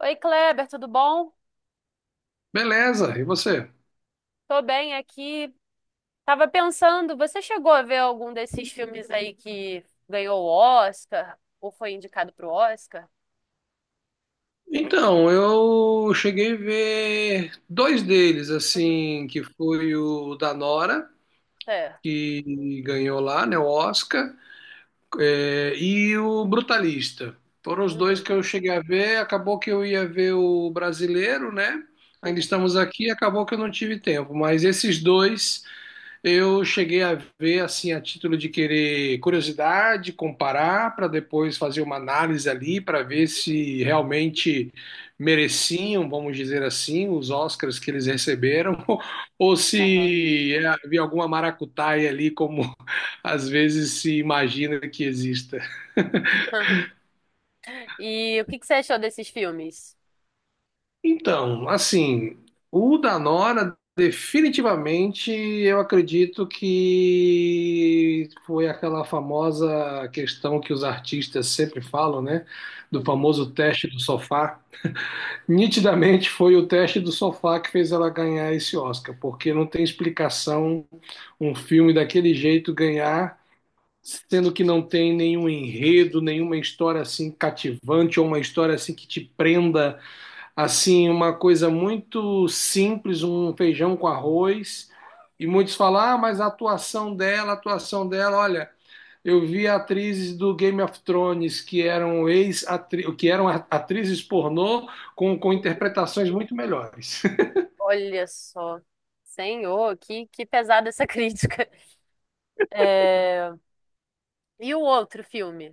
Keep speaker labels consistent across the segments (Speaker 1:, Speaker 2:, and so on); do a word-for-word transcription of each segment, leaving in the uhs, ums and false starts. Speaker 1: Oi, Kleber, tudo bom?
Speaker 2: Beleza, e você?
Speaker 1: Tô bem aqui. Tava pensando, você chegou a ver algum desses filmes aí que ganhou o Oscar ou foi indicado pro Oscar?
Speaker 2: Então, eu cheguei a ver dois deles,
Speaker 1: Uhum,
Speaker 2: assim, que foi o da Nora,
Speaker 1: certo.
Speaker 2: que ganhou lá, né, o Oscar, é, e o Brutalista. Foram os dois
Speaker 1: Uhum,
Speaker 2: que eu cheguei a ver, acabou que eu ia ver o brasileiro, né? Ainda
Speaker 1: uhum,
Speaker 2: estamos aqui, acabou que eu não tive tempo, mas esses dois eu cheguei a ver, assim, a título de querer curiosidade, comparar, para depois fazer uma análise ali, para ver se realmente mereciam, vamos dizer assim, os Oscars que eles receberam, ou
Speaker 1: aham.
Speaker 2: se é, havia alguma maracutaia ali, como às vezes se imagina que exista.
Speaker 1: Aham. E o que que você achou desses filmes?
Speaker 2: Então, assim, o da Nora, definitivamente, eu acredito que foi aquela famosa questão que os artistas sempre falam, né? Do
Speaker 1: Uhum.
Speaker 2: famoso teste do sofá. Nitidamente foi o teste do sofá que fez ela ganhar esse Oscar, porque não tem explicação um filme daquele jeito ganhar. Sendo que não tem nenhum enredo, nenhuma história assim cativante ou uma história assim que te prenda. Assim, uma coisa muito simples, um feijão com arroz. E muitos falam, ah, mas a atuação dela, a atuação dela, olha, eu vi atrizes do Game of Thrones que eram ex -atri que eram atrizes pornô com, com interpretações muito melhores.
Speaker 1: Olha só. Senhor, que, que pesada essa crítica. É. E o outro filme?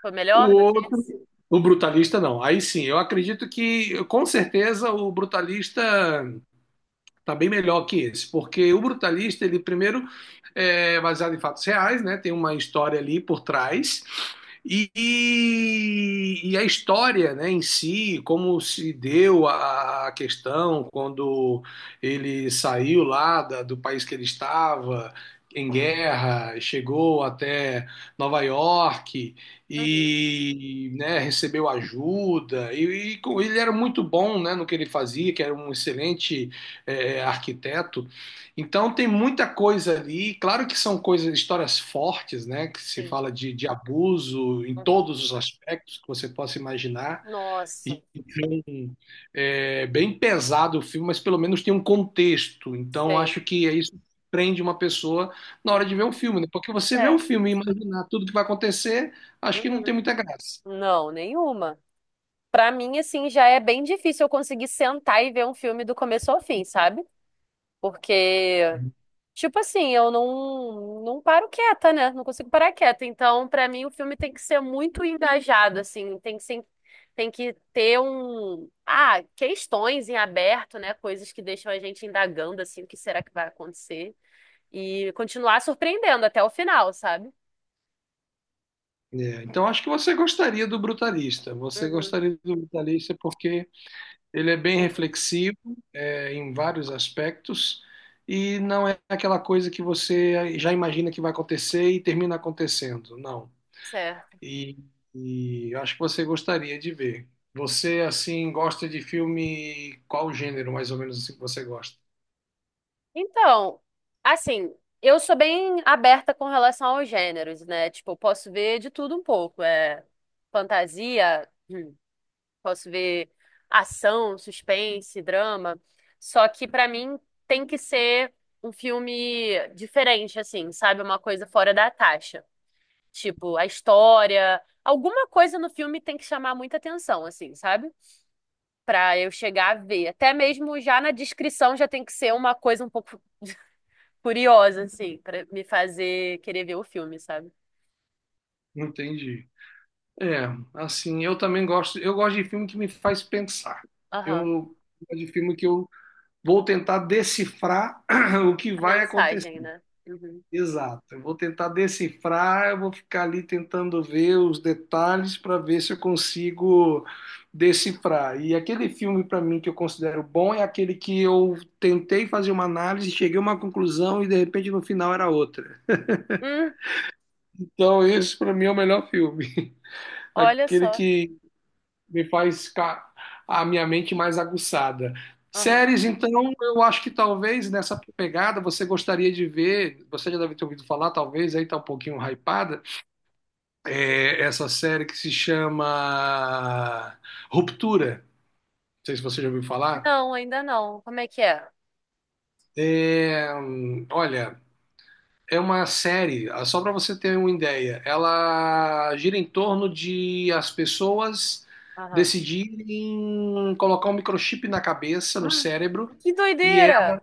Speaker 1: Foi
Speaker 2: O
Speaker 1: melhor do que
Speaker 2: outro,
Speaker 1: esse?
Speaker 2: o brutalista não. Aí sim, eu acredito que com certeza o brutalista está bem melhor que esse, porque o brutalista ele primeiro é baseado em fatos reais, né? Tem uma história ali por trás. E, e, a história, né, em si, como se deu a questão quando ele saiu lá da- do país que ele estava em guerra, chegou até Nova York
Speaker 1: Uhum,
Speaker 2: e, né, recebeu ajuda. E, e com- ele era muito bom, né, no que ele fazia, que era um excelente eh, arquiteto. Então tem muita coisa ali, claro que são coisas, histórias fortes, né? Que se
Speaker 1: sim.
Speaker 2: fala de, de abuso em
Speaker 1: Uhum.
Speaker 2: todos os aspectos que você possa imaginar.
Speaker 1: Nossa,
Speaker 2: E, Então, é bem pesado o filme, mas pelo menos tem um contexto. Então
Speaker 1: sei.
Speaker 2: acho que é isso que prende uma pessoa na hora de
Speaker 1: Uhum.
Speaker 2: ver um filme, né? Porque você vê um
Speaker 1: Certo.
Speaker 2: filme e imaginar tudo que vai acontecer, acho que não tem
Speaker 1: Uhum.
Speaker 2: muita graça.
Speaker 1: Não, nenhuma. Pra mim, assim, já é bem difícil eu conseguir sentar e ver um filme do começo ao fim, sabe? Porque tipo assim, eu não, não paro quieta, né? Não consigo parar quieta. Então, pra mim, o filme tem que ser muito engajado, assim, tem que ser, tem que ter um, ah, questões em aberto, né? Coisas que deixam a gente indagando, assim, o que será que vai acontecer e continuar surpreendendo até o final, sabe?
Speaker 2: É, então acho que você gostaria do Brutalista. Você
Speaker 1: Uhum,
Speaker 2: gostaria do Brutalista porque ele é bem
Speaker 1: uhum,
Speaker 2: reflexivo, é, em vários aspectos, e não é aquela coisa que você já imagina que vai acontecer e termina acontecendo, não.
Speaker 1: certo.
Speaker 2: E, e eu acho que você gostaria de ver. Você, assim, gosta de filme, qual gênero, mais ou menos, assim, que você gosta?
Speaker 1: Então, assim, eu sou bem aberta com relação aos gêneros, né? Tipo, eu posso ver de tudo um pouco. É fantasia. hum, Posso ver ação, suspense, drama. Só que pra mim tem que ser um filme diferente, assim, sabe? Uma coisa fora da taxa. Tipo, a história, alguma coisa no filme tem que chamar muita atenção, assim, sabe? Pra eu chegar a ver. Até mesmo já na descrição já tem que ser uma coisa um pouco curiosa, assim, pra me fazer querer ver o filme, sabe?
Speaker 2: Entendi. É, assim, eu também gosto, eu gosto de filme que me faz pensar.
Speaker 1: Aham.
Speaker 2: Eu gosto de filme que eu vou tentar decifrar o que
Speaker 1: A
Speaker 2: vai acontecer.
Speaker 1: mensagem, né? Uhum.
Speaker 2: Exato. Eu vou tentar decifrar, eu vou ficar ali tentando ver os detalhes para ver se eu consigo decifrar. E aquele filme para mim que eu considero bom é aquele que eu tentei fazer uma análise, cheguei a uma conclusão e de repente no final era outra.
Speaker 1: Hum,
Speaker 2: Então esse para mim é o melhor filme,
Speaker 1: Olha
Speaker 2: aquele
Speaker 1: só.
Speaker 2: que me faz ficar a minha mente mais aguçada.
Speaker 1: Aham.
Speaker 2: Séries, então, eu acho que talvez nessa pegada você gostaria de ver, você já deve ter ouvido falar, talvez aí tá um pouquinho hypada, é, essa série que se chama Ruptura. Não sei se você já ouviu falar.
Speaker 1: Não, ainda não. Como é que é?
Speaker 2: É, hum, olha, é uma série, ah, só para você ter uma ideia, ela gira em torno de as pessoas
Speaker 1: Aham.
Speaker 2: decidirem colocar um microchip na cabeça, no
Speaker 1: Ah,
Speaker 2: cérebro,
Speaker 1: que
Speaker 2: e
Speaker 1: doideira!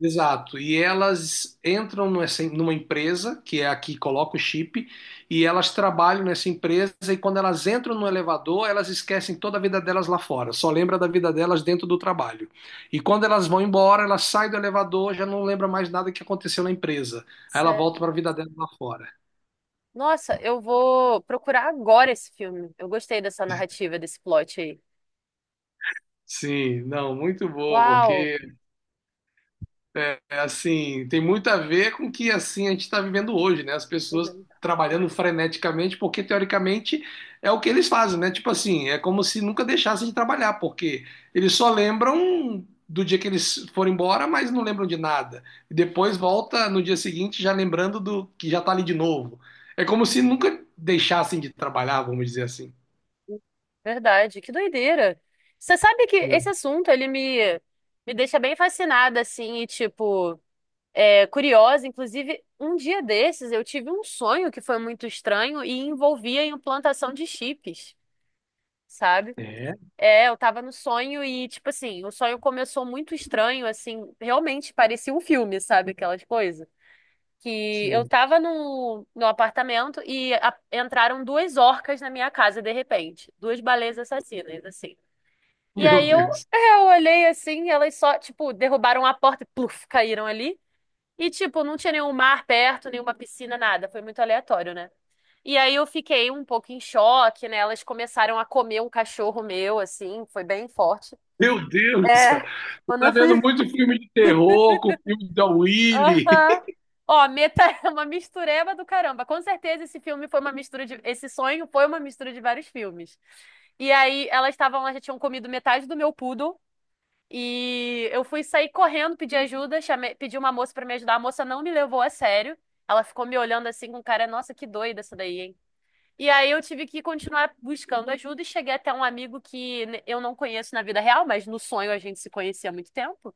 Speaker 2: exato. E elas entram nessa- numa empresa, que é a que coloca o chip, e elas trabalham nessa empresa, e quando elas entram no elevador, elas esquecem toda a vida delas lá fora, só lembra da vida delas dentro do trabalho. E quando elas vão embora, elas saem do elevador, já não lembra mais nada que aconteceu na empresa. Aí ela
Speaker 1: Sério.
Speaker 2: volta para a vida dela lá fora.
Speaker 1: Nossa, eu vou procurar agora esse filme. Eu gostei dessa narrativa, desse plot aí.
Speaker 2: Sim, não, muito boa,
Speaker 1: Uau!
Speaker 2: porque é assim, tem muito a ver com o que assim a gente está vivendo hoje, né? As pessoas
Speaker 1: Uhum.
Speaker 2: trabalhando freneticamente, porque teoricamente é o que eles fazem, né? Tipo assim, é como se nunca deixassem de trabalhar, porque eles só lembram do dia que eles foram embora, mas não lembram de nada. E depois volta no dia seguinte já lembrando do que já tá ali de novo. É como se nunca deixassem de trabalhar, vamos dizer assim.
Speaker 1: Verdade, que doideira! Você sabe que esse assunto, ele me, me deixa bem fascinada, assim, e, tipo, é, curiosa. Inclusive, um dia desses, eu tive um sonho que foi muito estranho e envolvia a implantação de chips, sabe?
Speaker 2: É,
Speaker 1: É, eu tava no sonho e, tipo assim, o sonho começou muito estranho, assim, realmente parecia um filme, sabe? Aquelas coisas. Que eu
Speaker 2: sei.
Speaker 1: tava no, no apartamento e a- entraram duas orcas na minha casa, de repente. Duas baleias assassinas, assim. E
Speaker 2: Meu
Speaker 1: aí eu,
Speaker 2: Deus.
Speaker 1: é, eu olhei assim, elas só, tipo, derrubaram a porta e pluf, caíram ali. E, tipo, não tinha nenhum mar perto, nenhuma piscina, nada. Foi muito aleatório, né? E aí eu fiquei um pouco em choque, né? Elas começaram a comer um cachorro meu, assim, foi bem forte.
Speaker 2: Meu Deus do céu.
Speaker 1: É,
Speaker 2: Você
Speaker 1: quando
Speaker 2: tá
Speaker 1: eu
Speaker 2: vendo
Speaker 1: fui.
Speaker 2: muito filme de terror com filme da Willy.
Speaker 1: Aham. Ó, Meta é uma mistureba do caramba. Com certeza esse filme foi uma mistura de... Esse sonho foi uma mistura de vários filmes. E aí elas estavam lá, já tinham comido metade do meu poodle. E eu fui sair correndo, pedir ajuda, chamei... pedi uma moça pra me ajudar. A moça não me levou a sério. Ela ficou me olhando assim com cara, nossa, que doida essa daí, hein? E aí eu tive que continuar buscando ajuda e cheguei até um amigo que ne- eu não conheço na vida real, mas no sonho a gente se conhecia há muito tempo.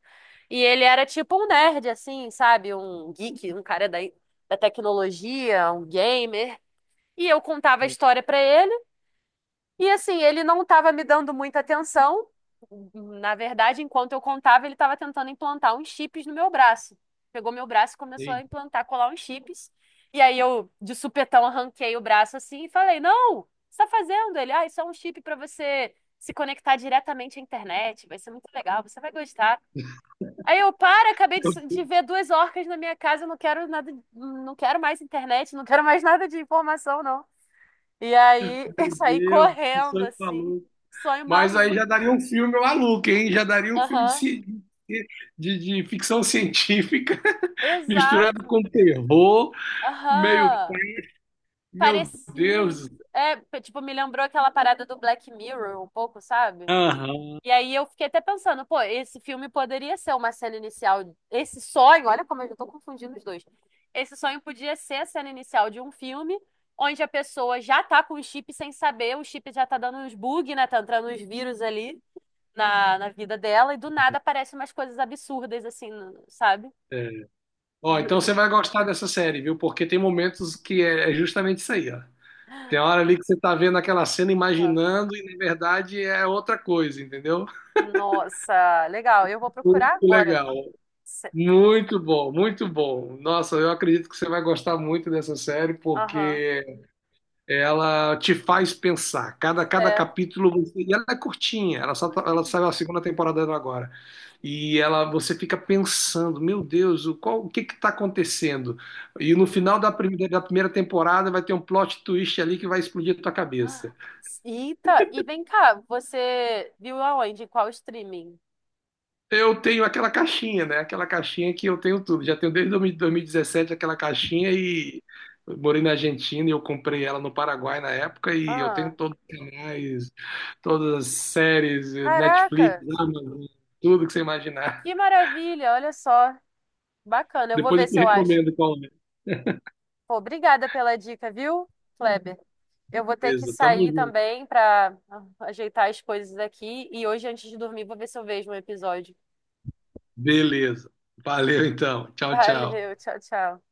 Speaker 1: E ele era tipo um nerd, assim, sabe? Um geek, um cara da, da tecnologia, um gamer. E eu contava a história pra ele. E assim, ele não estava me dando muita atenção. Na verdade, enquanto eu contava, ele estava tentando implantar uns chips no meu braço. Pegou meu braço e começou a
Speaker 2: Sim.
Speaker 1: implantar, colar uns chips. E aí eu, de supetão, arranquei o braço assim e falei: não, o que você está fazendo? Ele, ah, isso é um chip para você se conectar diretamente à internet. Vai ser muito legal, você vai gostar. Aí eu, para, acabei de,
Speaker 2: Meu
Speaker 1: s- de
Speaker 2: Deus,
Speaker 1: ver duas orcas na minha casa, eu não quero nada, não quero mais internet, não quero mais nada de informação, não. E aí
Speaker 2: meu
Speaker 1: eu saí
Speaker 2: Deus, que
Speaker 1: correndo,
Speaker 2: sonho
Speaker 1: assim.
Speaker 2: maluco.
Speaker 1: Sonho
Speaker 2: Mas aí
Speaker 1: maluco.
Speaker 2: já daria um filme maluco, hein? Já daria um filme de,
Speaker 1: Aham.
Speaker 2: ci- de, de ficção científica misturado com
Speaker 1: Exato.
Speaker 2: terror. Meio,
Speaker 1: Aham.
Speaker 2: meu
Speaker 1: Parecia
Speaker 2: Deus.
Speaker 1: isso. É, p- tipo, me lembrou aquela parada do Black Mirror um pouco, sabe?
Speaker 2: Aham.
Speaker 1: E aí eu fiquei até pensando, pô, esse filme poderia ser uma cena inicial. Esse sonho, olha como eu já tô confundindo os dois. Esse sonho podia ser a cena inicial de um filme onde a pessoa já tá com o chip sem saber, o chip já tá dando uns bug, né? Tá entrando uns vírus ali na, na vida dela e do nada aparecem umas coisas absurdas, assim, no- sabe?
Speaker 2: Ó, então você vai gostar dessa série, viu? Porque tem momentos que é é justamente isso aí, ó. Tem hora ali que você tá vendo aquela cena
Speaker 1: Aham.
Speaker 2: imaginando e na verdade é outra coisa, entendeu?
Speaker 1: Nossa, legal. Eu vou
Speaker 2: Muito
Speaker 1: procurar agora.
Speaker 2: legal,
Speaker 1: Se-
Speaker 2: muito bom, muito bom. Nossa, eu acredito que você vai gostar muito dessa série
Speaker 1: Aham.
Speaker 2: porque ela te faz pensar. Cada, cada
Speaker 1: É.
Speaker 2: capítulo, você- e ela é curtinha, ela só tá- ela saiu
Speaker 1: Hum.
Speaker 2: a segunda temporada dela agora. E ela você fica pensando, meu Deus, o qual o que que está acontecendo? E no
Speaker 1: Uhum.
Speaker 2: final da primeira, da primeira temporada vai ter um plot twist ali que vai explodir a tua
Speaker 1: Ah,
Speaker 2: cabeça.
Speaker 1: eita, e vem cá, você viu aonde? Em qual streaming?
Speaker 2: Eu tenho aquela caixinha, né? Aquela caixinha que eu tenho tudo. Já tenho desde dois mil dois mil e dezessete aquela caixinha e eu morei na Argentina e eu comprei ela no Paraguai na época e eu tenho
Speaker 1: Ah,
Speaker 2: todos os canais, todas as séries, Netflix,
Speaker 1: caraca,
Speaker 2: Amazon, tudo que você imaginar.
Speaker 1: que maravilha, olha só. Bacana, eu vou
Speaker 2: Depois eu
Speaker 1: ver
Speaker 2: te
Speaker 1: se eu acho.
Speaker 2: recomendo qual é.
Speaker 1: Pô, obrigada pela dica, viu, Kleber? Eu vou ter que
Speaker 2: Beleza, tamo
Speaker 1: sair
Speaker 2: junto.
Speaker 1: também para ajeitar as coisas aqui. E hoje, antes de dormir, vou ver se eu vejo um episódio.
Speaker 2: Beleza. Valeu então. Tchau, tchau.
Speaker 1: Valeu, tchau, tchau.